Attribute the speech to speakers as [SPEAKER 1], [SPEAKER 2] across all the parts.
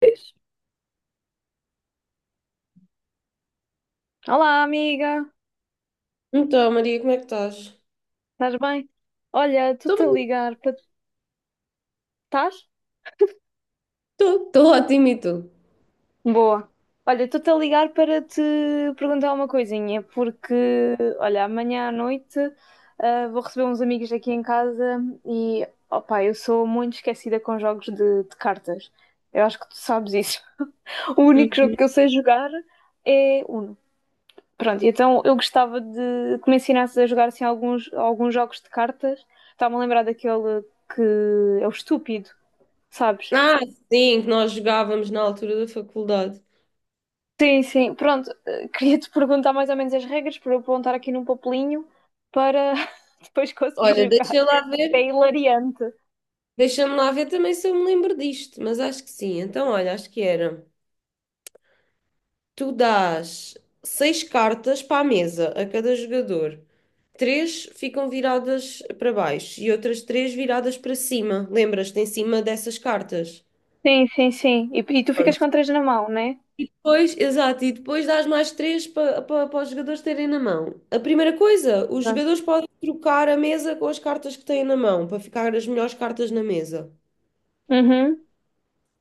[SPEAKER 1] Pois. Olá, amiga,
[SPEAKER 2] Então, Maria, como é que estás?
[SPEAKER 1] estás bem? Olha,
[SPEAKER 2] Estou
[SPEAKER 1] estou-te a
[SPEAKER 2] bem,
[SPEAKER 1] ligar para. Estás?
[SPEAKER 2] estou ótimo e tu?
[SPEAKER 1] Boa. Olha, estou-te a ligar para te perguntar uma coisinha, porque, olha, amanhã à noite vou receber uns amigos aqui em casa e, opá, eu sou muito esquecida com jogos de cartas. Eu acho que tu sabes isso. O único jogo
[SPEAKER 2] Uhum.
[SPEAKER 1] que eu sei jogar é Uno. Pronto, então eu gostava de que me ensinasses a jogar assim, alguns jogos de cartas. Estava-me a lembrar daquele que é o estúpido, sabes?
[SPEAKER 2] Ah, sim, que nós jogávamos na altura da faculdade.
[SPEAKER 1] Sim, sim. Pronto, queria-te perguntar mais ou menos as regras para eu apontar aqui num papelinho para depois conseguir
[SPEAKER 2] Olha,
[SPEAKER 1] jogar.
[SPEAKER 2] deixa lá
[SPEAKER 1] É
[SPEAKER 2] ver,
[SPEAKER 1] hilariante.
[SPEAKER 2] deixa-me lá ver também se eu me lembro disto, mas acho que sim. Então, olha, acho que era. Tu dás seis cartas para a mesa a cada jogador. Três ficam viradas para baixo e outras três viradas para cima. Lembras-te, em cima dessas cartas?
[SPEAKER 1] Sim, sim, sim. E tu ficas com três na mão, né?
[SPEAKER 2] Pois, exato, e depois dás mais três para os jogadores terem na mão. A primeira coisa, os
[SPEAKER 1] Pronto.
[SPEAKER 2] jogadores podem trocar a mesa com as cartas que têm na mão, para ficar as melhores cartas na mesa.
[SPEAKER 1] Uhum.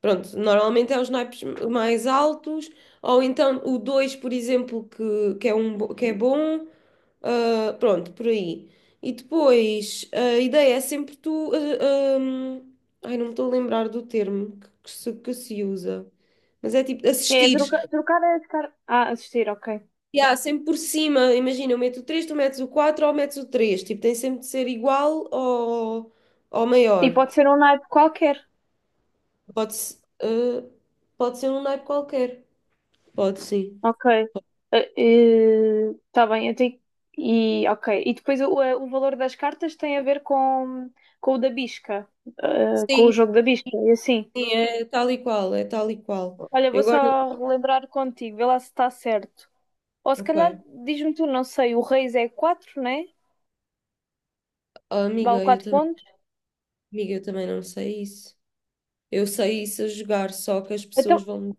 [SPEAKER 2] Pronto, normalmente é os naipes mais altos, ou então o 2 por exemplo, é um, que é bom. Pronto, por aí. E depois, a ideia é sempre tu. Ai, não me estou a lembrar do termo que se usa, mas é tipo assistir.
[SPEAKER 1] Trocar as cartas. Ah, assistir, ok.
[SPEAKER 2] Yeah, sempre por cima, imagina, eu meto o 3, tu metes o 4 ou metes o três. Tipo, tem sempre de ser igual ou
[SPEAKER 1] E
[SPEAKER 2] maior.
[SPEAKER 1] pode ser um naipe qualquer.
[SPEAKER 2] Pode, pode ser um naipe qualquer. Pode sim.
[SPEAKER 1] Ok. Está bem, eu tenho... E, ok. E depois o valor das cartas tem a ver com o da bisca, com o
[SPEAKER 2] Sim,
[SPEAKER 1] jogo da bisca, e assim.
[SPEAKER 2] é tal e qual, é tal e qual.
[SPEAKER 1] Olha, vou
[SPEAKER 2] Eu agora.
[SPEAKER 1] só relembrar contigo, vê lá se está certo. Ou se
[SPEAKER 2] Ok.
[SPEAKER 1] calhar, diz-me tu, não sei, o reis é quatro, né?
[SPEAKER 2] Oh,
[SPEAKER 1] Vale
[SPEAKER 2] amiga,
[SPEAKER 1] 4 pontos.
[SPEAKER 2] eu também não sei isso. Eu sei isso a jogar, só que as
[SPEAKER 1] Então,
[SPEAKER 2] pessoas vão.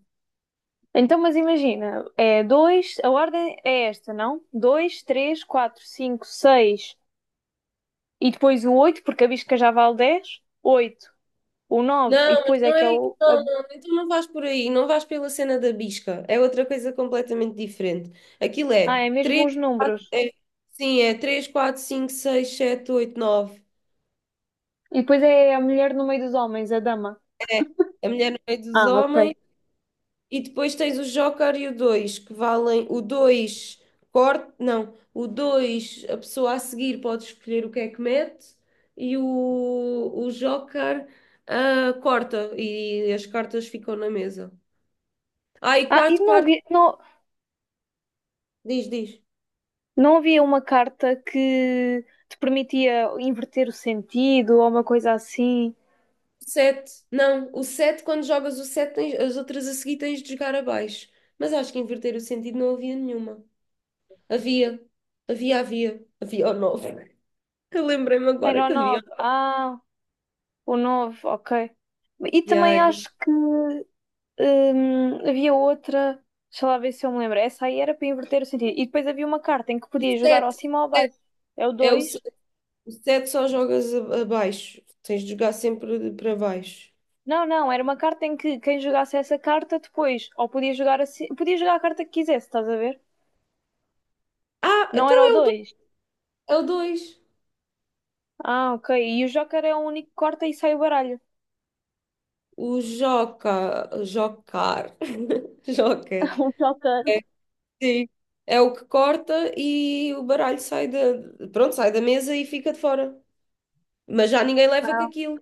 [SPEAKER 1] então, mas imagina, é 2. A ordem é esta, não? 2, 3, 4, 5, 6 e depois o 8 porque a bisca já vale 10. 8. O 9 e
[SPEAKER 2] Não, mas
[SPEAKER 1] depois é
[SPEAKER 2] não
[SPEAKER 1] que é
[SPEAKER 2] é. Não, não, então não vais por aí, não vais pela cena da bisca. É outra coisa completamente diferente. Aquilo
[SPEAKER 1] é
[SPEAKER 2] é
[SPEAKER 1] mesmo
[SPEAKER 2] 3,
[SPEAKER 1] os números.
[SPEAKER 2] 4. É, sim, é 3, 4, 5, 6, 7, 8, 9.
[SPEAKER 1] E depois é a mulher no meio dos homens, a dama.
[SPEAKER 2] A mulher no meio dos
[SPEAKER 1] Ah, ok.
[SPEAKER 2] homens. E depois tens o Joker e o 2 que valem. O 2 corte, não. O 2 a pessoa a seguir pode escolher o que é que mete. E o Joker corta. E as cartas ficam na mesa. Ah, e
[SPEAKER 1] Ah, e
[SPEAKER 2] 4,
[SPEAKER 1] não
[SPEAKER 2] 4.
[SPEAKER 1] havia, não,
[SPEAKER 2] Diz, diz.
[SPEAKER 1] não havia uma carta que te permitia inverter o sentido ou uma coisa assim?
[SPEAKER 2] Sete. Não, o sete, quando jogas o sete, as outras a seguir tens de jogar abaixo. Mas acho que inverter o sentido não havia nenhuma. Havia. Havia, havia. Havia o nove. Eu lembrei-me
[SPEAKER 1] Era
[SPEAKER 2] agora
[SPEAKER 1] o
[SPEAKER 2] que havia.
[SPEAKER 1] nove. Ah, o nove, ok. E
[SPEAKER 2] E
[SPEAKER 1] também
[SPEAKER 2] aí?
[SPEAKER 1] acho que havia outra. Deixa lá ver se eu me lembro. Essa aí era para inverter o sentido. E depois havia uma carta em que
[SPEAKER 2] O
[SPEAKER 1] podia jogar ao
[SPEAKER 2] sete
[SPEAKER 1] cima ou ao baixo. É o
[SPEAKER 2] é o, se-
[SPEAKER 1] dois.
[SPEAKER 2] o sete só jogas abaixo. Tens de jogar sempre para baixo.
[SPEAKER 1] Não, não, era uma carta em que quem jogasse essa carta depois, ou podia jogar assim, podia jogar a carta que quisesse, estás a ver?
[SPEAKER 2] Ah,
[SPEAKER 1] Não
[SPEAKER 2] então
[SPEAKER 1] era o dois.
[SPEAKER 2] é o dois.
[SPEAKER 1] Ah, ok. E o Joker é o único que corta e sai o baralho.
[SPEAKER 2] O Joca, Jocar. Joker.
[SPEAKER 1] O Joker.
[SPEAKER 2] Sim. É o que corta e o baralho sai da, pronto, sai da mesa e fica de fora. Mas já ninguém leva com aquilo.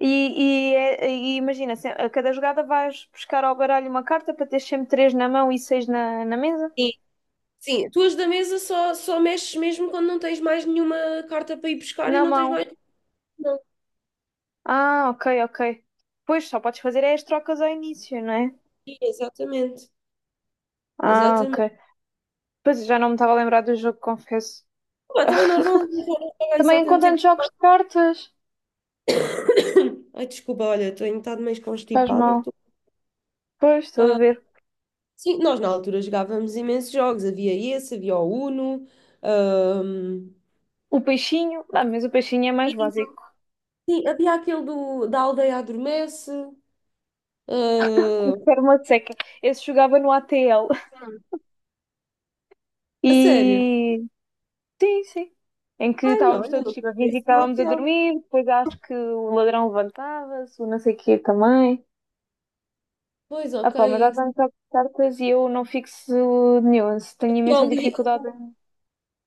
[SPEAKER 1] E imagina, a cada jogada vais buscar ao baralho uma carta para ter sempre três na mão e seis na mesa?
[SPEAKER 2] Sim. Sim, tu as da mesa só mexes mesmo quando não tens mais nenhuma carta para ir buscar e
[SPEAKER 1] Na
[SPEAKER 2] não tens
[SPEAKER 1] mão.
[SPEAKER 2] mais. Não.
[SPEAKER 1] Ah, ok, ok. Pois, só podes fazer é as trocas ao início, não é?
[SPEAKER 2] Sim, exatamente.
[SPEAKER 1] Ah, ok.
[SPEAKER 2] Exatamente.
[SPEAKER 1] Pois, já não me estava a lembrar do jogo, confesso.
[SPEAKER 2] Ah, então é normal eu já não jogar isso há
[SPEAKER 1] Também
[SPEAKER 2] tanto tempo.
[SPEAKER 1] encontrando jogos de cartas.
[SPEAKER 2] Ai, desculpa, olha, estou um bocado meio
[SPEAKER 1] Faz
[SPEAKER 2] constipada.
[SPEAKER 1] mal.
[SPEAKER 2] Tô-
[SPEAKER 1] Pois, estou a
[SPEAKER 2] Ah,
[SPEAKER 1] ver.
[SPEAKER 2] sim, nós na altura jogávamos imensos jogos. Havia esse, havia o Uno. Ah,
[SPEAKER 1] O peixinho, ah, mas o peixinho é mais básico.
[SPEAKER 2] sim, havia aquele do, da aldeia adormece. Ah,
[SPEAKER 1] Perma de seca. Esse jogava no ATL.
[SPEAKER 2] a sério?
[SPEAKER 1] E sim, sim. Em que
[SPEAKER 2] Ai, não,
[SPEAKER 1] estávamos
[SPEAKER 2] olha,
[SPEAKER 1] todos
[SPEAKER 2] não
[SPEAKER 1] tipo a fingir que
[SPEAKER 2] conheço
[SPEAKER 1] estávamos a
[SPEAKER 2] demasiado.
[SPEAKER 1] dormir, depois acho que o ladrão levantava-se, o não sei o quê também.
[SPEAKER 2] Pois,
[SPEAKER 1] Ah
[SPEAKER 2] ok.
[SPEAKER 1] pá, mas há tantas cartas e eu não fixo nuance, tenho
[SPEAKER 2] Havia
[SPEAKER 1] imensa
[SPEAKER 2] o li-
[SPEAKER 1] dificuldade.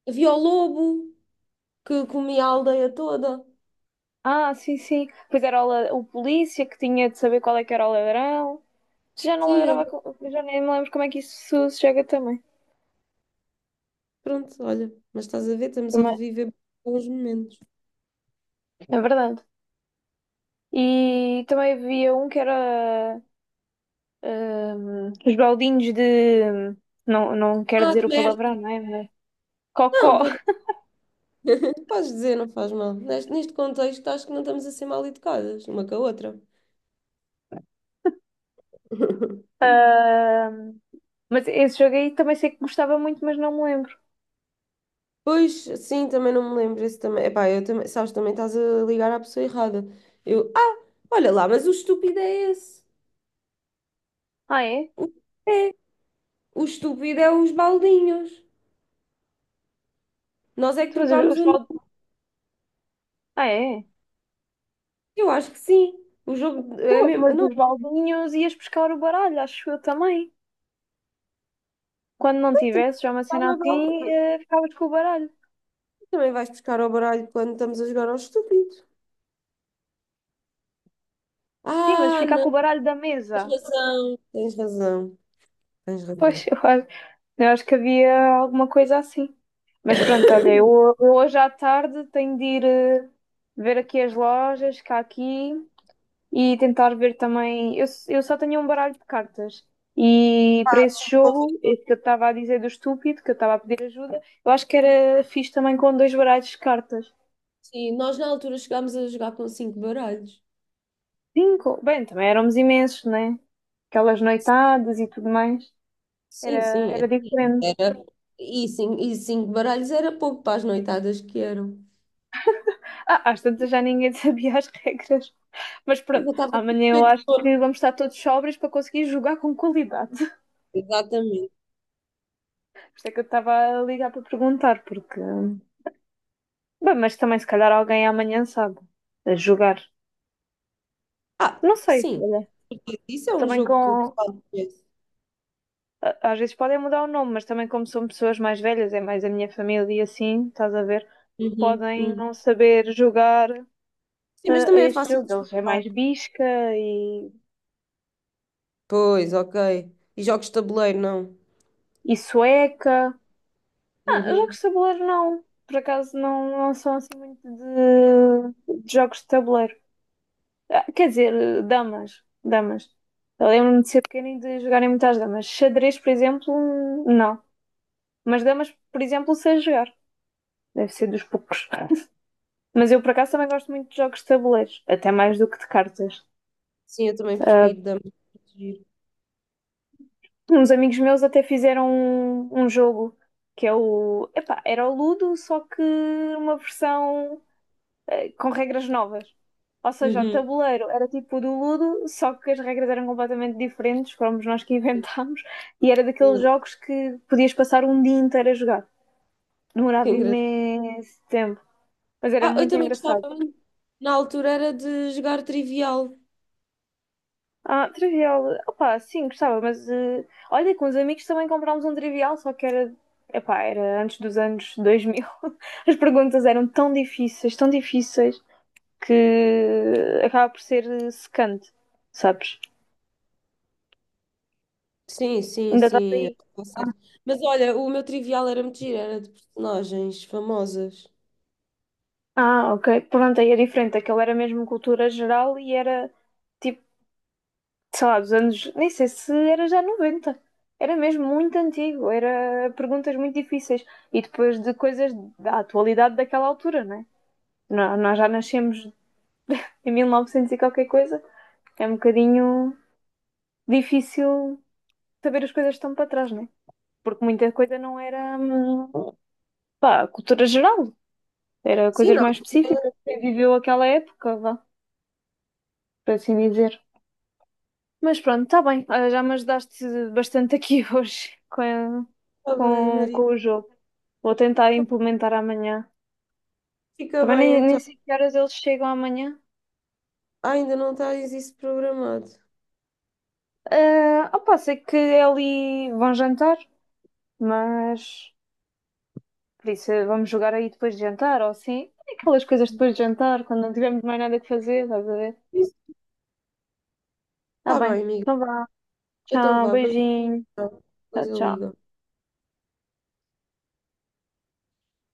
[SPEAKER 2] havia o lobo que comia a aldeia toda.
[SPEAKER 1] Ah, sim, sim. Pois era o polícia que tinha de saber qual é que era o ladrão. Já não
[SPEAKER 2] Sim,
[SPEAKER 1] lembrava, já nem me lembro como é que isso se joga também.
[SPEAKER 2] pronto, olha. Mas estás a ver, estamos a
[SPEAKER 1] Também,
[SPEAKER 2] reviver bons momentos.
[SPEAKER 1] é verdade. E também havia um que era os baldinhos de. Não, não quero
[SPEAKER 2] Ah,
[SPEAKER 1] dizer
[SPEAKER 2] que
[SPEAKER 1] o palavrão,
[SPEAKER 2] merda!
[SPEAKER 1] não é? Mas-
[SPEAKER 2] Não,
[SPEAKER 1] Cocó.
[SPEAKER 2] pode- podes dizer, não faz mal. Neste contexto, acho que não estamos a ser mal educadas, uma com a outra.
[SPEAKER 1] Ahm, mas esse jogo aí também sei que gostava muito, mas não me lembro.
[SPEAKER 2] Pois, sim, também não me lembro. Esse também. Epá, eu também, sabes, também estás a ligar à pessoa errada. Eu, ah, olha lá, mas o estúpido é esse.
[SPEAKER 1] Ah, é?
[SPEAKER 2] O- É, o estúpido é os baldinhos. Nós é que
[SPEAKER 1] Tu, mas
[SPEAKER 2] trocámos
[SPEAKER 1] os
[SPEAKER 2] o nome.
[SPEAKER 1] ah, é?
[SPEAKER 2] Eu acho que sim. O jogo é mesmo.
[SPEAKER 1] Mas
[SPEAKER 2] Não,
[SPEAKER 1] os baldinhos ias buscar o baralho, acho eu também. Quando não
[SPEAKER 2] também
[SPEAKER 1] tivesse já uma
[SPEAKER 2] vai
[SPEAKER 1] cena
[SPEAKER 2] ao
[SPEAKER 1] assim,
[SPEAKER 2] balde-
[SPEAKER 1] ficavas com o baralho.
[SPEAKER 2] também vais buscar ao baralho quando estamos a jogar ao estúpido.
[SPEAKER 1] Sim, mas
[SPEAKER 2] Ah,
[SPEAKER 1] ficar
[SPEAKER 2] não,
[SPEAKER 1] com o baralho da
[SPEAKER 2] tens
[SPEAKER 1] mesa.
[SPEAKER 2] razão. Tens razão. Tens
[SPEAKER 1] Pois,
[SPEAKER 2] razão.
[SPEAKER 1] eu acho que havia alguma coisa assim. Mas pronto, olha, eu hoje à tarde tenho de ir ver aqui as lojas cá aqui e tentar ver também. Eu só tenho um baralho de cartas. E para esse jogo, esse que eu estava a dizer do estúpido, que eu estava a pedir ajuda, eu acho que era fixe também com dois baralhos de cartas.
[SPEAKER 2] Sim, nós na altura chegámos a jogar com 5 baralhos.
[SPEAKER 1] Cinco? Bem, também éramos imensos, né? Aquelas noitadas e tudo mais. Era,
[SPEAKER 2] Sim, sim.
[SPEAKER 1] era
[SPEAKER 2] Tipo,
[SPEAKER 1] diferente.
[SPEAKER 2] era... E, sim, e 5 baralhos era pouco para as noitadas que eram.
[SPEAKER 1] Ah, às tantas já ninguém sabia as regras. Mas pronto,
[SPEAKER 2] Eu estava com
[SPEAKER 1] amanhã eu
[SPEAKER 2] cheio de
[SPEAKER 1] acho
[SPEAKER 2] sono.
[SPEAKER 1] que vamos estar todos sóbrios para conseguir jogar com qualidade.
[SPEAKER 2] Exatamente.
[SPEAKER 1] Por isso é que eu estava a ligar para perguntar, porque. Bem, mas também se calhar alguém amanhã sabe a jogar.
[SPEAKER 2] Ah,
[SPEAKER 1] Não sei,
[SPEAKER 2] sim.
[SPEAKER 1] olha.
[SPEAKER 2] Isso é um
[SPEAKER 1] Também
[SPEAKER 2] jogo que o
[SPEAKER 1] com.
[SPEAKER 2] pessoal conhece.
[SPEAKER 1] Às vezes podem mudar o nome, mas também como são pessoas mais velhas, é mais a minha família e assim, estás a ver?
[SPEAKER 2] Uhum,
[SPEAKER 1] Podem
[SPEAKER 2] uhum.
[SPEAKER 1] não saber jogar
[SPEAKER 2] Sim, mas
[SPEAKER 1] a
[SPEAKER 2] também é
[SPEAKER 1] este
[SPEAKER 2] fácil de
[SPEAKER 1] jogo. Eles é
[SPEAKER 2] explicar.
[SPEAKER 1] mais bisca e,
[SPEAKER 2] Pois, ok. E jogos de tabuleiro, não?
[SPEAKER 1] e sueca. Ah, jogos
[SPEAKER 2] Uhum.
[SPEAKER 1] de tabuleiro não. Por acaso não, não são assim muito de jogos de tabuleiro. Ah, quer dizer, damas. Damas. Eu lembro-me de ser pequena e de jogarem muitas damas. Xadrez, por exemplo, não. Mas damas, por exemplo, sei jogar. Deve ser dos poucos. Mas eu, por acaso, também gosto muito de jogos de tabuleiros. Até mais do que de cartas.
[SPEAKER 2] Sim, eu também
[SPEAKER 1] Ah,
[SPEAKER 2] prefiro dama. Giro.
[SPEAKER 1] uns amigos meus até fizeram um jogo que é o. Epá, era o Ludo, só que uma versão. Com regras novas. Ou seja, o
[SPEAKER 2] Uhum.
[SPEAKER 1] tabuleiro era tipo o do Ludo, só que as regras eram completamente diferentes, fomos nós que inventámos, e era daqueles jogos que podias passar um dia inteiro a jogar.
[SPEAKER 2] Que
[SPEAKER 1] Demorava
[SPEAKER 2] engraçado.
[SPEAKER 1] imenso tempo, mas era
[SPEAKER 2] Ah, eu
[SPEAKER 1] muito
[SPEAKER 2] também
[SPEAKER 1] engraçado.
[SPEAKER 2] gostava muito. Na altura era de jogar trivial.
[SPEAKER 1] Ah, trivial. Opá, sim, gostava, mas olha, com os amigos também comprámos um trivial, só que era, epá, era antes dos anos 2000. As perguntas eram tão difíceis, que acaba por ser secante, sabes?
[SPEAKER 2] Sim, sim,
[SPEAKER 1] Ainda estás
[SPEAKER 2] sim. Eu
[SPEAKER 1] aí.
[SPEAKER 2] tô certa. Mas olha, o meu trivial era muito giro, era de personagens famosas.
[SPEAKER 1] Ah, ok. Pronto, aí é diferente. Aquilo era mesmo cultura geral e era tipo, sei lá, dos anos. Nem sei se era já noventa. Era mesmo muito antigo. Era perguntas muito difíceis. E depois de coisas da atualidade daquela altura, né? Nós já nascemos em 1900 e qualquer coisa. É um bocadinho difícil saber as coisas que estão para trás, né? Porque muita coisa não era, pá, cultura geral. Era
[SPEAKER 2] Sim,
[SPEAKER 1] coisas
[SPEAKER 2] não.
[SPEAKER 1] mais específicas. Quem viveu aquela época, vá. Por assim dizer. Mas pronto, está bem. Olha, já me ajudaste bastante aqui hoje
[SPEAKER 2] Está bem,
[SPEAKER 1] com
[SPEAKER 2] Maria.
[SPEAKER 1] o jogo. Vou tentar
[SPEAKER 2] Então,
[SPEAKER 1] implementar amanhã.
[SPEAKER 2] fica
[SPEAKER 1] Também
[SPEAKER 2] bem,
[SPEAKER 1] nem
[SPEAKER 2] então.
[SPEAKER 1] sei que horas eles chegam amanhã.
[SPEAKER 2] Ah, ainda não tens isso programado.
[SPEAKER 1] Ah, opa, sei que é ali vão jantar, mas por isso vamos jogar aí depois de jantar, ou assim. Aquelas coisas depois de jantar, quando não tivermos mais nada que fazer, estás a ver?
[SPEAKER 2] Isso
[SPEAKER 1] Tá
[SPEAKER 2] está
[SPEAKER 1] bem.
[SPEAKER 2] bem, amigo.
[SPEAKER 1] Então vá.
[SPEAKER 2] Então
[SPEAKER 1] Tchau,
[SPEAKER 2] vá, beleza.
[SPEAKER 1] beijinho.
[SPEAKER 2] Depois
[SPEAKER 1] Tchau,
[SPEAKER 2] eu
[SPEAKER 1] tchau.
[SPEAKER 2] ligo.